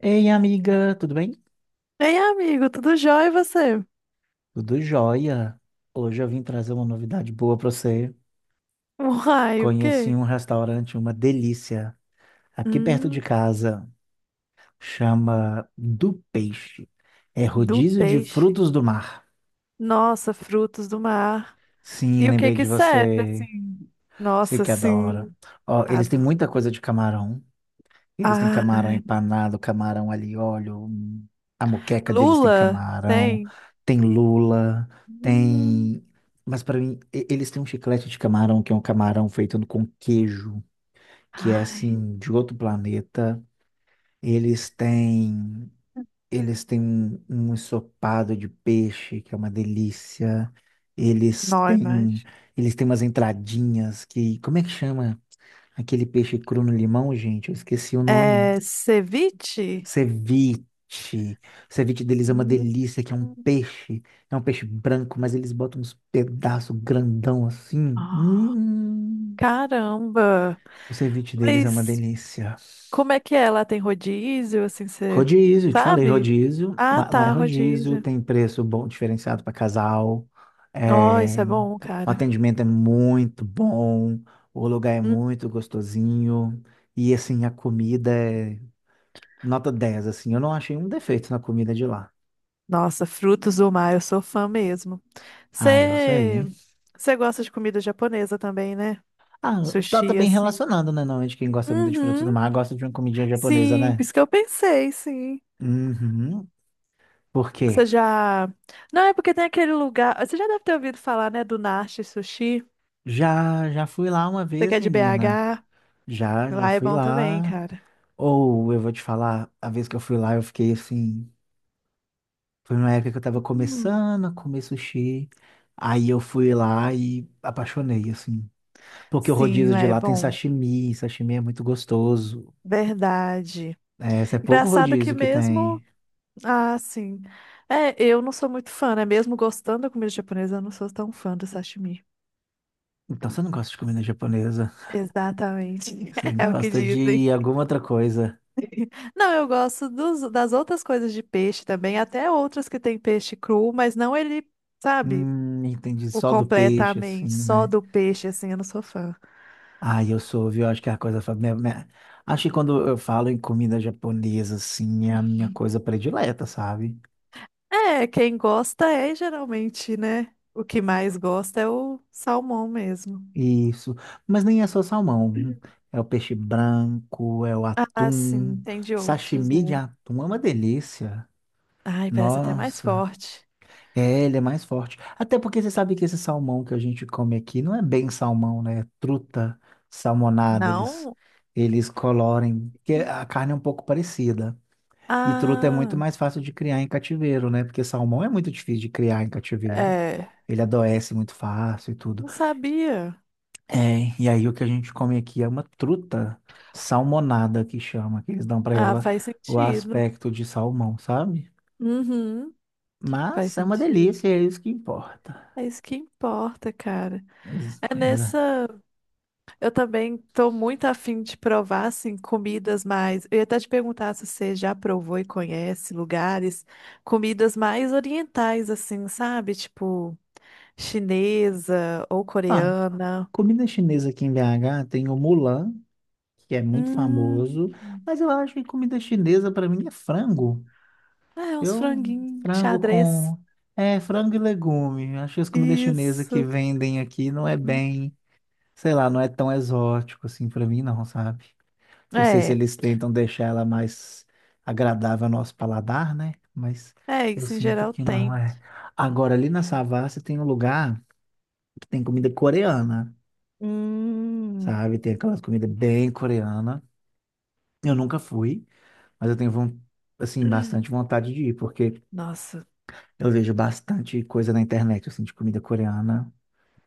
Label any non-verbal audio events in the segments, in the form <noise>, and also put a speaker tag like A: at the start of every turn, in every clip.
A: Ei, amiga, tudo bem?
B: Ei, amigo, tudo jóia e você?
A: Tudo jóia. Hoje eu vim trazer uma novidade boa para você.
B: Uai, o
A: Conheci
B: quê?
A: um restaurante, uma delícia, aqui perto
B: Hum,
A: de casa. Chama Do Peixe. É
B: do
A: rodízio de
B: peixe.
A: frutos do mar.
B: Nossa, frutos do mar.
A: Sim,
B: E o que
A: lembrei
B: que
A: de
B: serve,
A: você.
B: assim?
A: Você
B: Nossa,
A: que adora.
B: sim.
A: Ó, eles têm
B: Adoro.
A: muita coisa de camarão. Eles têm camarão
B: Ai.
A: empanado, camarão alho e óleo. A moqueca deles tem
B: Lula?
A: camarão,
B: Tem?
A: tem lula,
B: Hum.
A: tem. Mas para mim, eles têm um chiclete de camarão, que é um camarão feito com queijo, que é
B: Ai,
A: assim, de outro planeta. Eles têm. Eles têm um ensopado de peixe, que é uma delícia. Eles
B: não,
A: têm.
B: imagem.
A: Eles têm umas entradinhas que. Como é que chama aquele peixe cru no limão, gente? Eu esqueci o nome.
B: É ceviche?
A: Ceviche. O Ceviche deles é uma
B: Hum.
A: delícia, que é um peixe. É um peixe branco, mas eles botam uns pedaços grandão assim.
B: Ah, caramba.
A: O ceviche deles é uma
B: Mas
A: delícia.
B: como é que é? Lá tem rodízio, assim, você
A: Rodízio, te falei,
B: sabe?
A: rodízio.
B: Ah,
A: Lá é
B: tá,
A: rodízio,
B: rodízio.
A: tem preço bom, diferenciado para casal.
B: Ó, isso
A: É,
B: é bom,
A: o
B: cara.
A: atendimento é muito bom, o lugar é
B: Hum,
A: muito gostosinho. E assim, a comida é nota 10, assim. Eu não achei um defeito na comida de lá.
B: Nossa, frutos do mar, eu sou fã mesmo.
A: Ah, eu
B: Você
A: sei.
B: você gosta de comida japonesa também, né?
A: Ah, tá
B: Sushi,
A: também
B: assim.
A: relacionado, né? Normalmente quem gosta muito de frutos do
B: Uhum.
A: mar gosta de uma comidinha japonesa,
B: Sim, por
A: né?
B: isso que eu pensei, sim.
A: Uhum. Por
B: Você
A: quê?
B: já. Não, é porque tem aquele lugar. Você já deve ter ouvido falar, né, do Nashi Sushi.
A: Já fui lá uma
B: Você que
A: vez,
B: é de
A: menina.
B: BH?
A: Já
B: Lá é
A: fui
B: bom também,
A: lá.
B: cara.
A: Ou eu vou te falar, a vez que eu fui lá, eu fiquei assim. Foi numa época que eu tava
B: Hum,
A: começando a comer sushi. Aí eu fui lá e apaixonei, assim. Porque o
B: Sim,
A: rodízio
B: lá
A: de
B: é
A: lá tem
B: bom.
A: sashimi, sashimi é muito gostoso.
B: Verdade.
A: É, esse é pouco
B: Engraçado que
A: rodízio que
B: mesmo.
A: tem.
B: Ah, sim. É, eu não sou muito fã, né? Mesmo gostando da comida japonesa, eu não sou tão fã do sashimi.
A: Então você não gosta de comida japonesa.
B: Exatamente.
A: Você
B: <laughs> É o que
A: gosta de
B: dizem.
A: alguma outra coisa?
B: Não, eu gosto das outras coisas de peixe também, até outras que tem peixe cru, mas não ele, sabe,
A: Entendi.
B: o
A: Só do peixe,
B: completamente
A: assim,
B: só
A: né?
B: do peixe, assim, eu não sou fã.
A: Ah, eu sou, viu? Acho que é a coisa. Minha... Acho que quando eu falo em comida japonesa, assim, é a minha coisa predileta, sabe?
B: É, quem gosta é geralmente, né? O que mais gosta é o salmão mesmo.
A: Isso. Mas nem é só salmão. É o peixe branco, é o
B: Ah,
A: atum.
B: sim, tem de outros,
A: Sashimi de
B: né?
A: atum é uma delícia.
B: Ai, parece até mais
A: Nossa.
B: forte.
A: É, ele é mais forte. Até porque você sabe que esse salmão que a gente come aqui não é bem salmão, né? É truta salmonada, eles
B: Não?
A: eles colorem, porque a carne é um pouco parecida. E truta é muito
B: Ah,
A: mais fácil de criar em cativeiro, né? Porque salmão é muito difícil de criar em cativeiro.
B: é.
A: Ele adoece muito fácil e tudo.
B: Não sabia.
A: É, e aí o que a gente come aqui é uma truta salmonada que chama, que eles dão pra
B: Ah,
A: ela
B: faz
A: o
B: sentido.
A: aspecto de salmão, sabe?
B: Uhum, faz
A: Mas é uma
B: sentido.
A: delícia, é isso que importa.
B: É isso que importa, cara.
A: Pois,
B: É
A: pois
B: nessa.
A: é.
B: Eu também tô muito afim de provar, assim, comidas mais. Eu ia até te perguntar se você já provou e conhece lugares, comidas mais orientais, assim, sabe? Tipo, chinesa ou
A: Ah,
B: coreana.
A: comida chinesa aqui em BH tem o Mulan, que é muito
B: Hum,
A: famoso, mas eu acho que comida chinesa para mim é frango.
B: é, uns
A: Eu
B: franguinhos,
A: frango
B: xadrez.
A: com é frango e legume. Acho que as comidas chinesas que
B: Isso.
A: vendem aqui não é bem, sei lá, não é tão exótico assim para mim não, sabe? Não sei se
B: É.
A: eles tentam deixar ela mais agradável ao nosso paladar, né? Mas
B: É,
A: eu
B: isso em
A: sinto
B: geral
A: que não
B: tem.
A: é. Agora ali na Savassi tem um lugar que tem comida coreana.
B: Hum,
A: Sabe? Tem aquelas comidas bem coreana. Eu nunca fui, mas eu tenho, assim, bastante vontade de ir, porque
B: nossa,
A: eu vejo bastante coisa na internet, assim, de comida coreana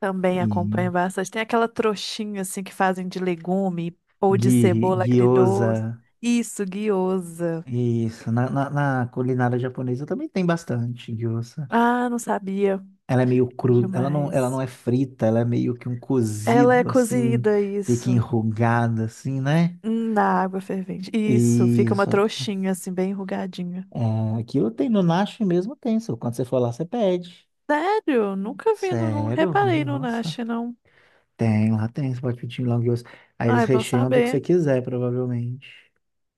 B: também
A: e
B: acompanho bastante. Tem aquela trouxinha assim que fazem de legume ou de cebola
A: gyoza.
B: agridoce. Isso, guiosa.
A: Isso, na culinária japonesa também tem bastante gyoza.
B: Ah, não sabia.
A: Ela é meio cru, ela não
B: Demais.
A: é frita, ela é meio que um
B: Ela é
A: cozido, assim,
B: cozida,
A: fica
B: isso.
A: enrugada, assim, né?
B: Na água fervente. Isso, fica uma
A: Isso.
B: trouxinha assim, bem enrugadinha.
A: É, aquilo tem no Nashi mesmo, tem. Só Quando você for lá, você pede.
B: Sério? Nunca vi, não, não
A: Sério? Minha
B: reparei no Nash,
A: roça?
B: não.
A: Tem, lá tem. Você pode pedir long yours. Aí eles
B: Ai, bom
A: recheiam do que você
B: saber.
A: quiser, provavelmente.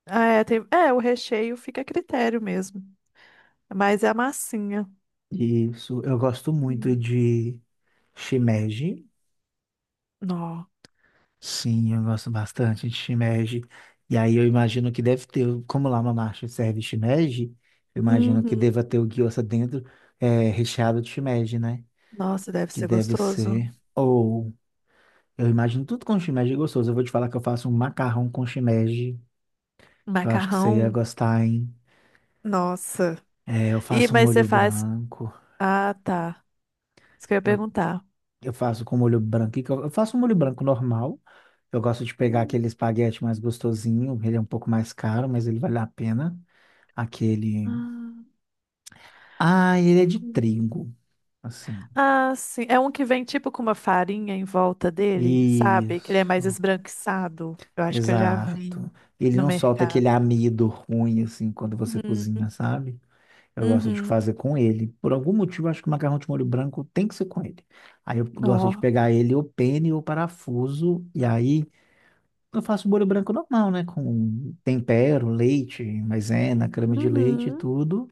B: Ah, é, é, o recheio fica a critério mesmo. Mas é a massinha.
A: Isso. Eu gosto muito
B: Hum.
A: de shimeji.
B: Nó.
A: Sim, eu gosto bastante de shimeji. E aí eu imagino que deve ter, como lá uma marcha serve shimeji, eu imagino que
B: Uhum.
A: deva ter o gyoza dentro, é, recheado de shimeji, né?
B: Nossa, deve
A: Que
B: ser
A: deve
B: gostoso.
A: ser. Ou eu imagino tudo com shimeji gostoso. Eu vou te falar que eu faço um macarrão com shimeji, que eu acho que você ia
B: Macarrão.
A: gostar, hein.
B: Nossa.
A: É, eu
B: E
A: faço um
B: mas você
A: molho
B: faz?
A: branco.
B: Ah, tá. Isso que eu ia
A: Eu,
B: perguntar.
A: eu faço com molho branco. E que Eu faço um molho branco normal. Eu gosto de pegar aquele
B: Hum.
A: espaguete mais gostosinho. Ele é um pouco mais caro, mas ele vale a pena. Aquele.
B: Ah,
A: Ah, ele é de
B: hum.
A: trigo, assim.
B: Ah, sim. É um que vem tipo com uma farinha em volta dele, sabe? Que ele é mais
A: Isso.
B: esbranquiçado. Eu acho que eu já
A: Exato.
B: vi
A: Ele
B: no
A: não solta
B: mercado.
A: aquele amido ruim, assim, quando você
B: Uhum.
A: cozinha, sabe? Eu gosto de
B: Uhum.
A: fazer com ele. Por algum motivo, eu acho que o macarrão de molho branco tem que ser com ele. Aí eu gosto
B: Ó.
A: de pegar ele, ou pene, ou parafuso, e aí. Eu faço molho branco normal, né? Com tempero, leite, maisena, creme de leite e
B: Uhum.
A: tudo.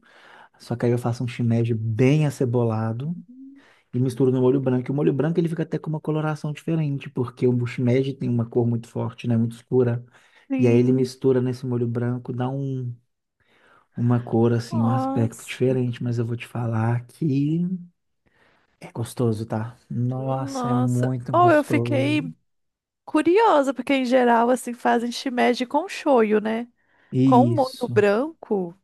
A: Só que aí eu faço um shimeji bem acebolado e misturo no molho branco. E o molho branco ele fica até com uma coloração diferente, porque o shimeji tem uma cor muito forte, né? Muito escura. E aí ele
B: Sim.
A: mistura nesse molho branco, dá uma cor assim, um aspecto
B: Nossa.
A: diferente. Mas eu vou te falar que é gostoso, tá? Nossa, é
B: Nossa.
A: muito
B: Oh, eu fiquei
A: gostoso.
B: curiosa, porque em geral, assim, fazem shimeji com shoyu, né? Com um molho
A: Isso.
B: branco.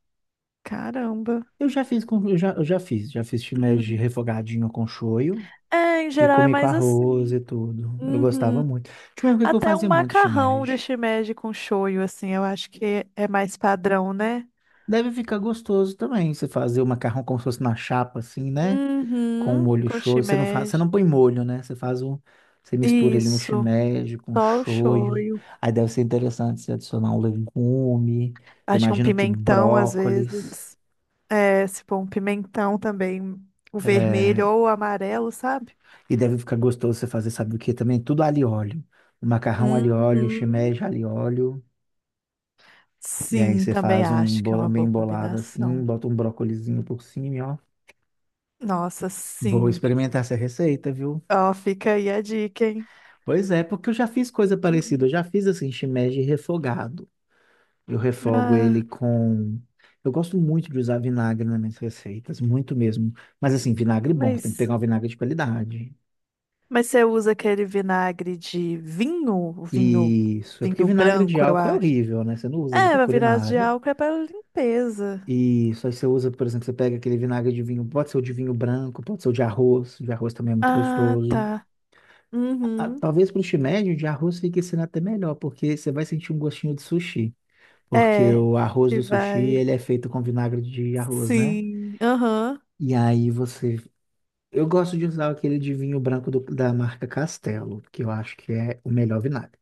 B: Caramba.
A: Eu já fiz com, já fiz filé de
B: Hum.
A: refogadinho com shoyu
B: É, em
A: e
B: geral é
A: comi com
B: mais
A: arroz
B: assim.
A: e tudo. Eu gostava
B: Uhum.
A: muito. Tinha uma época que eu
B: Até um
A: fazia muito
B: macarrão de
A: shimeji.
B: shimeji com shoyu, assim, eu acho que é mais padrão, né?
A: Deve ficar gostoso também, você fazer o macarrão como se fosse na chapa assim, né? Com o
B: Uhum.
A: molho
B: Com
A: shoyu, você
B: shimeji.
A: não põe molho, né? Você faz o Você mistura ele no
B: Isso.
A: shimeji com
B: Só o
A: shoyu.
B: shoyu.
A: Aí deve ser interessante você adicionar um legume. Eu
B: Acho que um
A: imagino que
B: pimentão, às
A: brócolis,
B: vezes. É, se pôr um pimentão também, o vermelho
A: é.
B: ou o amarelo, sabe?
A: E deve ficar gostoso você fazer, sabe o que também? Tudo alho e óleo. Macarrão alho e óleo,
B: Uhum.
A: shimeji alho e óleo. E aí
B: Sim,
A: você
B: também
A: faz um
B: acho que é
A: bolão
B: uma boa
A: bem bolado assim,
B: combinação.
A: bota um brócolizinho por cima, e ó.
B: Nossa,
A: Vou
B: sim.
A: experimentar essa receita, viu?
B: Ó, fica aí a dica, hein?
A: Pois é, porque eu já fiz coisa parecida.
B: Uhum.
A: Eu já fiz assim, shimeji refogado. Eu refogo
B: Ah,
A: ele com... Eu gosto muito de usar vinagre nas minhas receitas, muito mesmo. Mas assim, vinagre bom, você tem que
B: mas,
A: pegar um vinagre de qualidade.
B: mas você usa aquele vinagre de vinho, vinho,
A: Isso, é porque
B: vinho
A: vinagre de
B: branco, eu
A: álcool é
B: acho.
A: horrível, né? Você não usa ele
B: É,
A: para
B: a virada de
A: culinária.
B: álcool é para limpeza.
A: Isso, aí você usa, por exemplo, você pega aquele vinagre de vinho, pode ser o de vinho branco, pode ser o de arroz também é muito
B: Ah,
A: gostoso.
B: tá.
A: Ah,
B: Uhum.
A: talvez para o shimeji, o de arroz fique sendo até melhor, porque você vai sentir um gostinho de sushi, porque
B: É,
A: o arroz
B: que
A: do sushi,
B: vai.
A: ele é feito com vinagre de arroz, né?
B: Sim. Aham.
A: E aí você... Eu gosto de usar aquele de vinho branco da marca Castelo, que eu acho que é o melhor vinagre.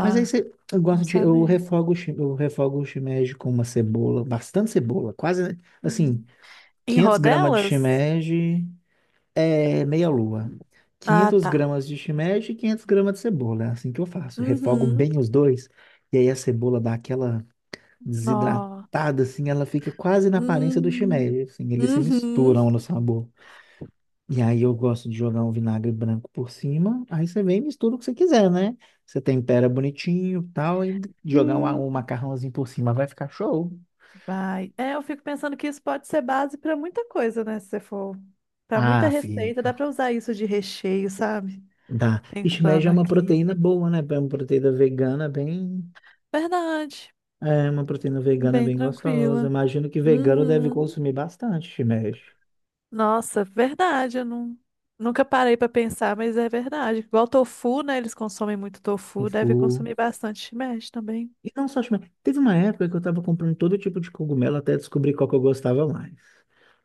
A: Mas aí você, eu
B: não
A: gosto de, eu
B: sabe.
A: refogo, eu refogo o shimeji com uma cebola, bastante cebola, quase, assim,
B: Hum. Em
A: 500 gramas de
B: rodelas?
A: shimeji é meia-lua.
B: Ah,
A: 500
B: tá.
A: gramas de shimeji e 500 gramas de cebola. É assim que eu faço. Refogo
B: Uhum.
A: bem os dois. E aí a cebola dá aquela
B: Nó.
A: desidratada, assim, ela fica quase na aparência do
B: Hum,
A: shimeji. Assim, eles se
B: uhum.
A: misturam no sabor. E aí eu gosto de jogar um vinagre branco por cima. Aí você vem e mistura o que você quiser, né? Você tempera bonitinho e tal, e jogar
B: Sim,
A: um macarrãozinho por cima. Vai ficar show.
B: vai. É, eu fico pensando que isso pode ser base para muita coisa, né? Se você for para muita
A: Ah,
B: receita, dá
A: fica.
B: para usar isso de recheio, sabe?
A: Dá. Shimeji
B: Pensando
A: é uma
B: aqui.
A: proteína boa, né? É uma proteína vegana bem.
B: Verdade.
A: É uma proteína vegana
B: Bem
A: bem gostosa.
B: tranquila.
A: Imagino que vegano deve
B: Uhum.
A: consumir bastante shimeji.
B: Nossa, verdade. Eu não, nunca parei para pensar, mas é verdade. Igual tofu, né? Eles consomem muito tofu, deve
A: Tofu.
B: consumir bastante shimeji também.
A: E não só shimeji. Teve uma época que eu tava comprando todo tipo de cogumelo até descobrir qual que eu gostava mais.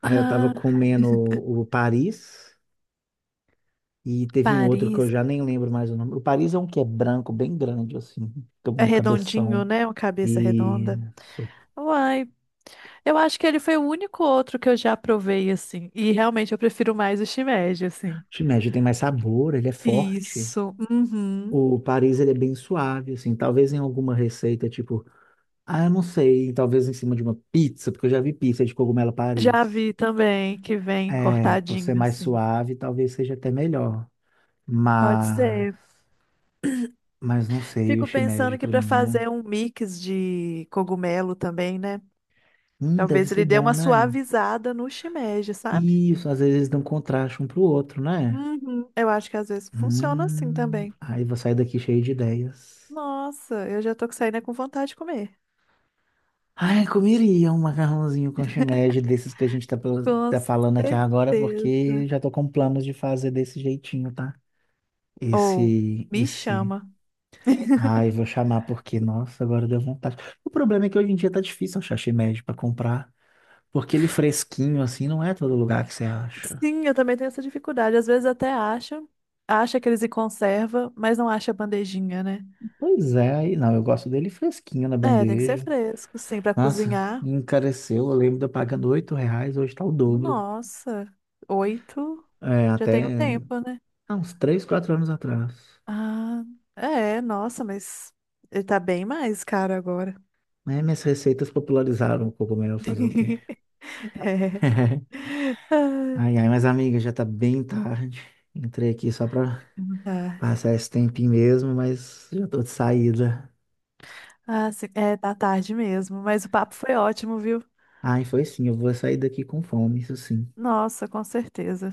A: Aí eu tava
B: Ah,
A: comendo o Paris e teve um outro que eu
B: Paris.
A: já nem lembro mais o nome. O Paris é um que é branco, bem grande, assim, com
B: É
A: um
B: redondinho,
A: cabeção.
B: né? Uma cabeça redonda.
A: Isso.
B: Uai. Eu acho que ele foi o único outro que eu já provei, assim. E realmente eu prefiro mais o shimeji, assim.
A: Shimeji tem mais sabor, ele é forte.
B: Isso. Uhum.
A: O Paris ele é bem suave, assim, talvez em alguma receita, tipo, ah, eu não sei, talvez em cima de uma pizza, porque eu já vi pizza de cogumelo
B: Já
A: Paris.
B: vi também que vem
A: É, por ser
B: cortadinho,
A: mais
B: assim.
A: suave, talvez seja até melhor.
B: Pode
A: Mas,
B: ser.
A: mas não sei, o
B: Fico
A: shimeji
B: pensando que
A: pra
B: para
A: mim é,
B: fazer um mix de cogumelo também, né?
A: deve
B: Talvez
A: ser
B: ele dê
A: bom,
B: uma
A: né?
B: suavizada no shimeji, sabe?
A: Isso, às vezes dão contraste um pro outro, né?
B: Uhum. Eu acho que às vezes funciona assim também.
A: Aí vou sair daqui cheio de ideias.
B: Nossa, eu já tô saindo com vontade de comer.
A: Ai, comeria um macarrãozinho com shimeji desses que a gente tá, pela-
B: Com
A: tá falando aqui agora,
B: certeza.
A: porque já tô com planos de fazer desse jeitinho, tá?
B: Ou
A: Esse,
B: me
A: esse.
B: chama.
A: Ai, vou chamar porque, nossa, agora deu vontade. O problema é que hoje em dia tá difícil achar shimeji pra comprar, porque ele fresquinho assim não é todo lugar que você acha.
B: Sim, eu também tenho essa dificuldade. Às vezes até acha, acha que eles se conserva, mas não acha a bandejinha, né?
A: Pois é, aí não, eu gosto dele fresquinho na
B: É, tem que ser
A: bandeja.
B: fresco, sim, pra
A: Nossa,
B: cozinhar.
A: encareceu, eu lembro de eu pagando R$ 8, hoje tá o dobro.
B: Nossa, 8,
A: É,
B: já
A: até
B: tem um tempo, né?
A: há uns 3, 4 anos atrás.
B: Ah, é, nossa, mas ele tá bem mais caro agora.
A: Né? Minhas receitas popularizaram o cogumelo, fazer o quê?
B: <laughs> É.
A: <laughs>
B: Ai,
A: Mas amiga, já tá bem tarde. Entrei aqui só pra
B: tá.
A: passar esse tempinho mesmo, mas já tô de saída.
B: Ah, sim, é, tá tarde mesmo, mas o papo foi ótimo, viu?
A: Ai, foi sim, eu vou sair daqui com fome, isso sim.
B: Nossa, com certeza.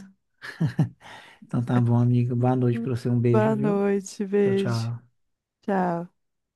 A: Então tá bom, amiga. Boa noite
B: Hum,
A: pra você, um beijo,
B: Boa
A: viu?
B: noite,
A: Tchau,
B: beijo.
A: tchau.
B: Tchau.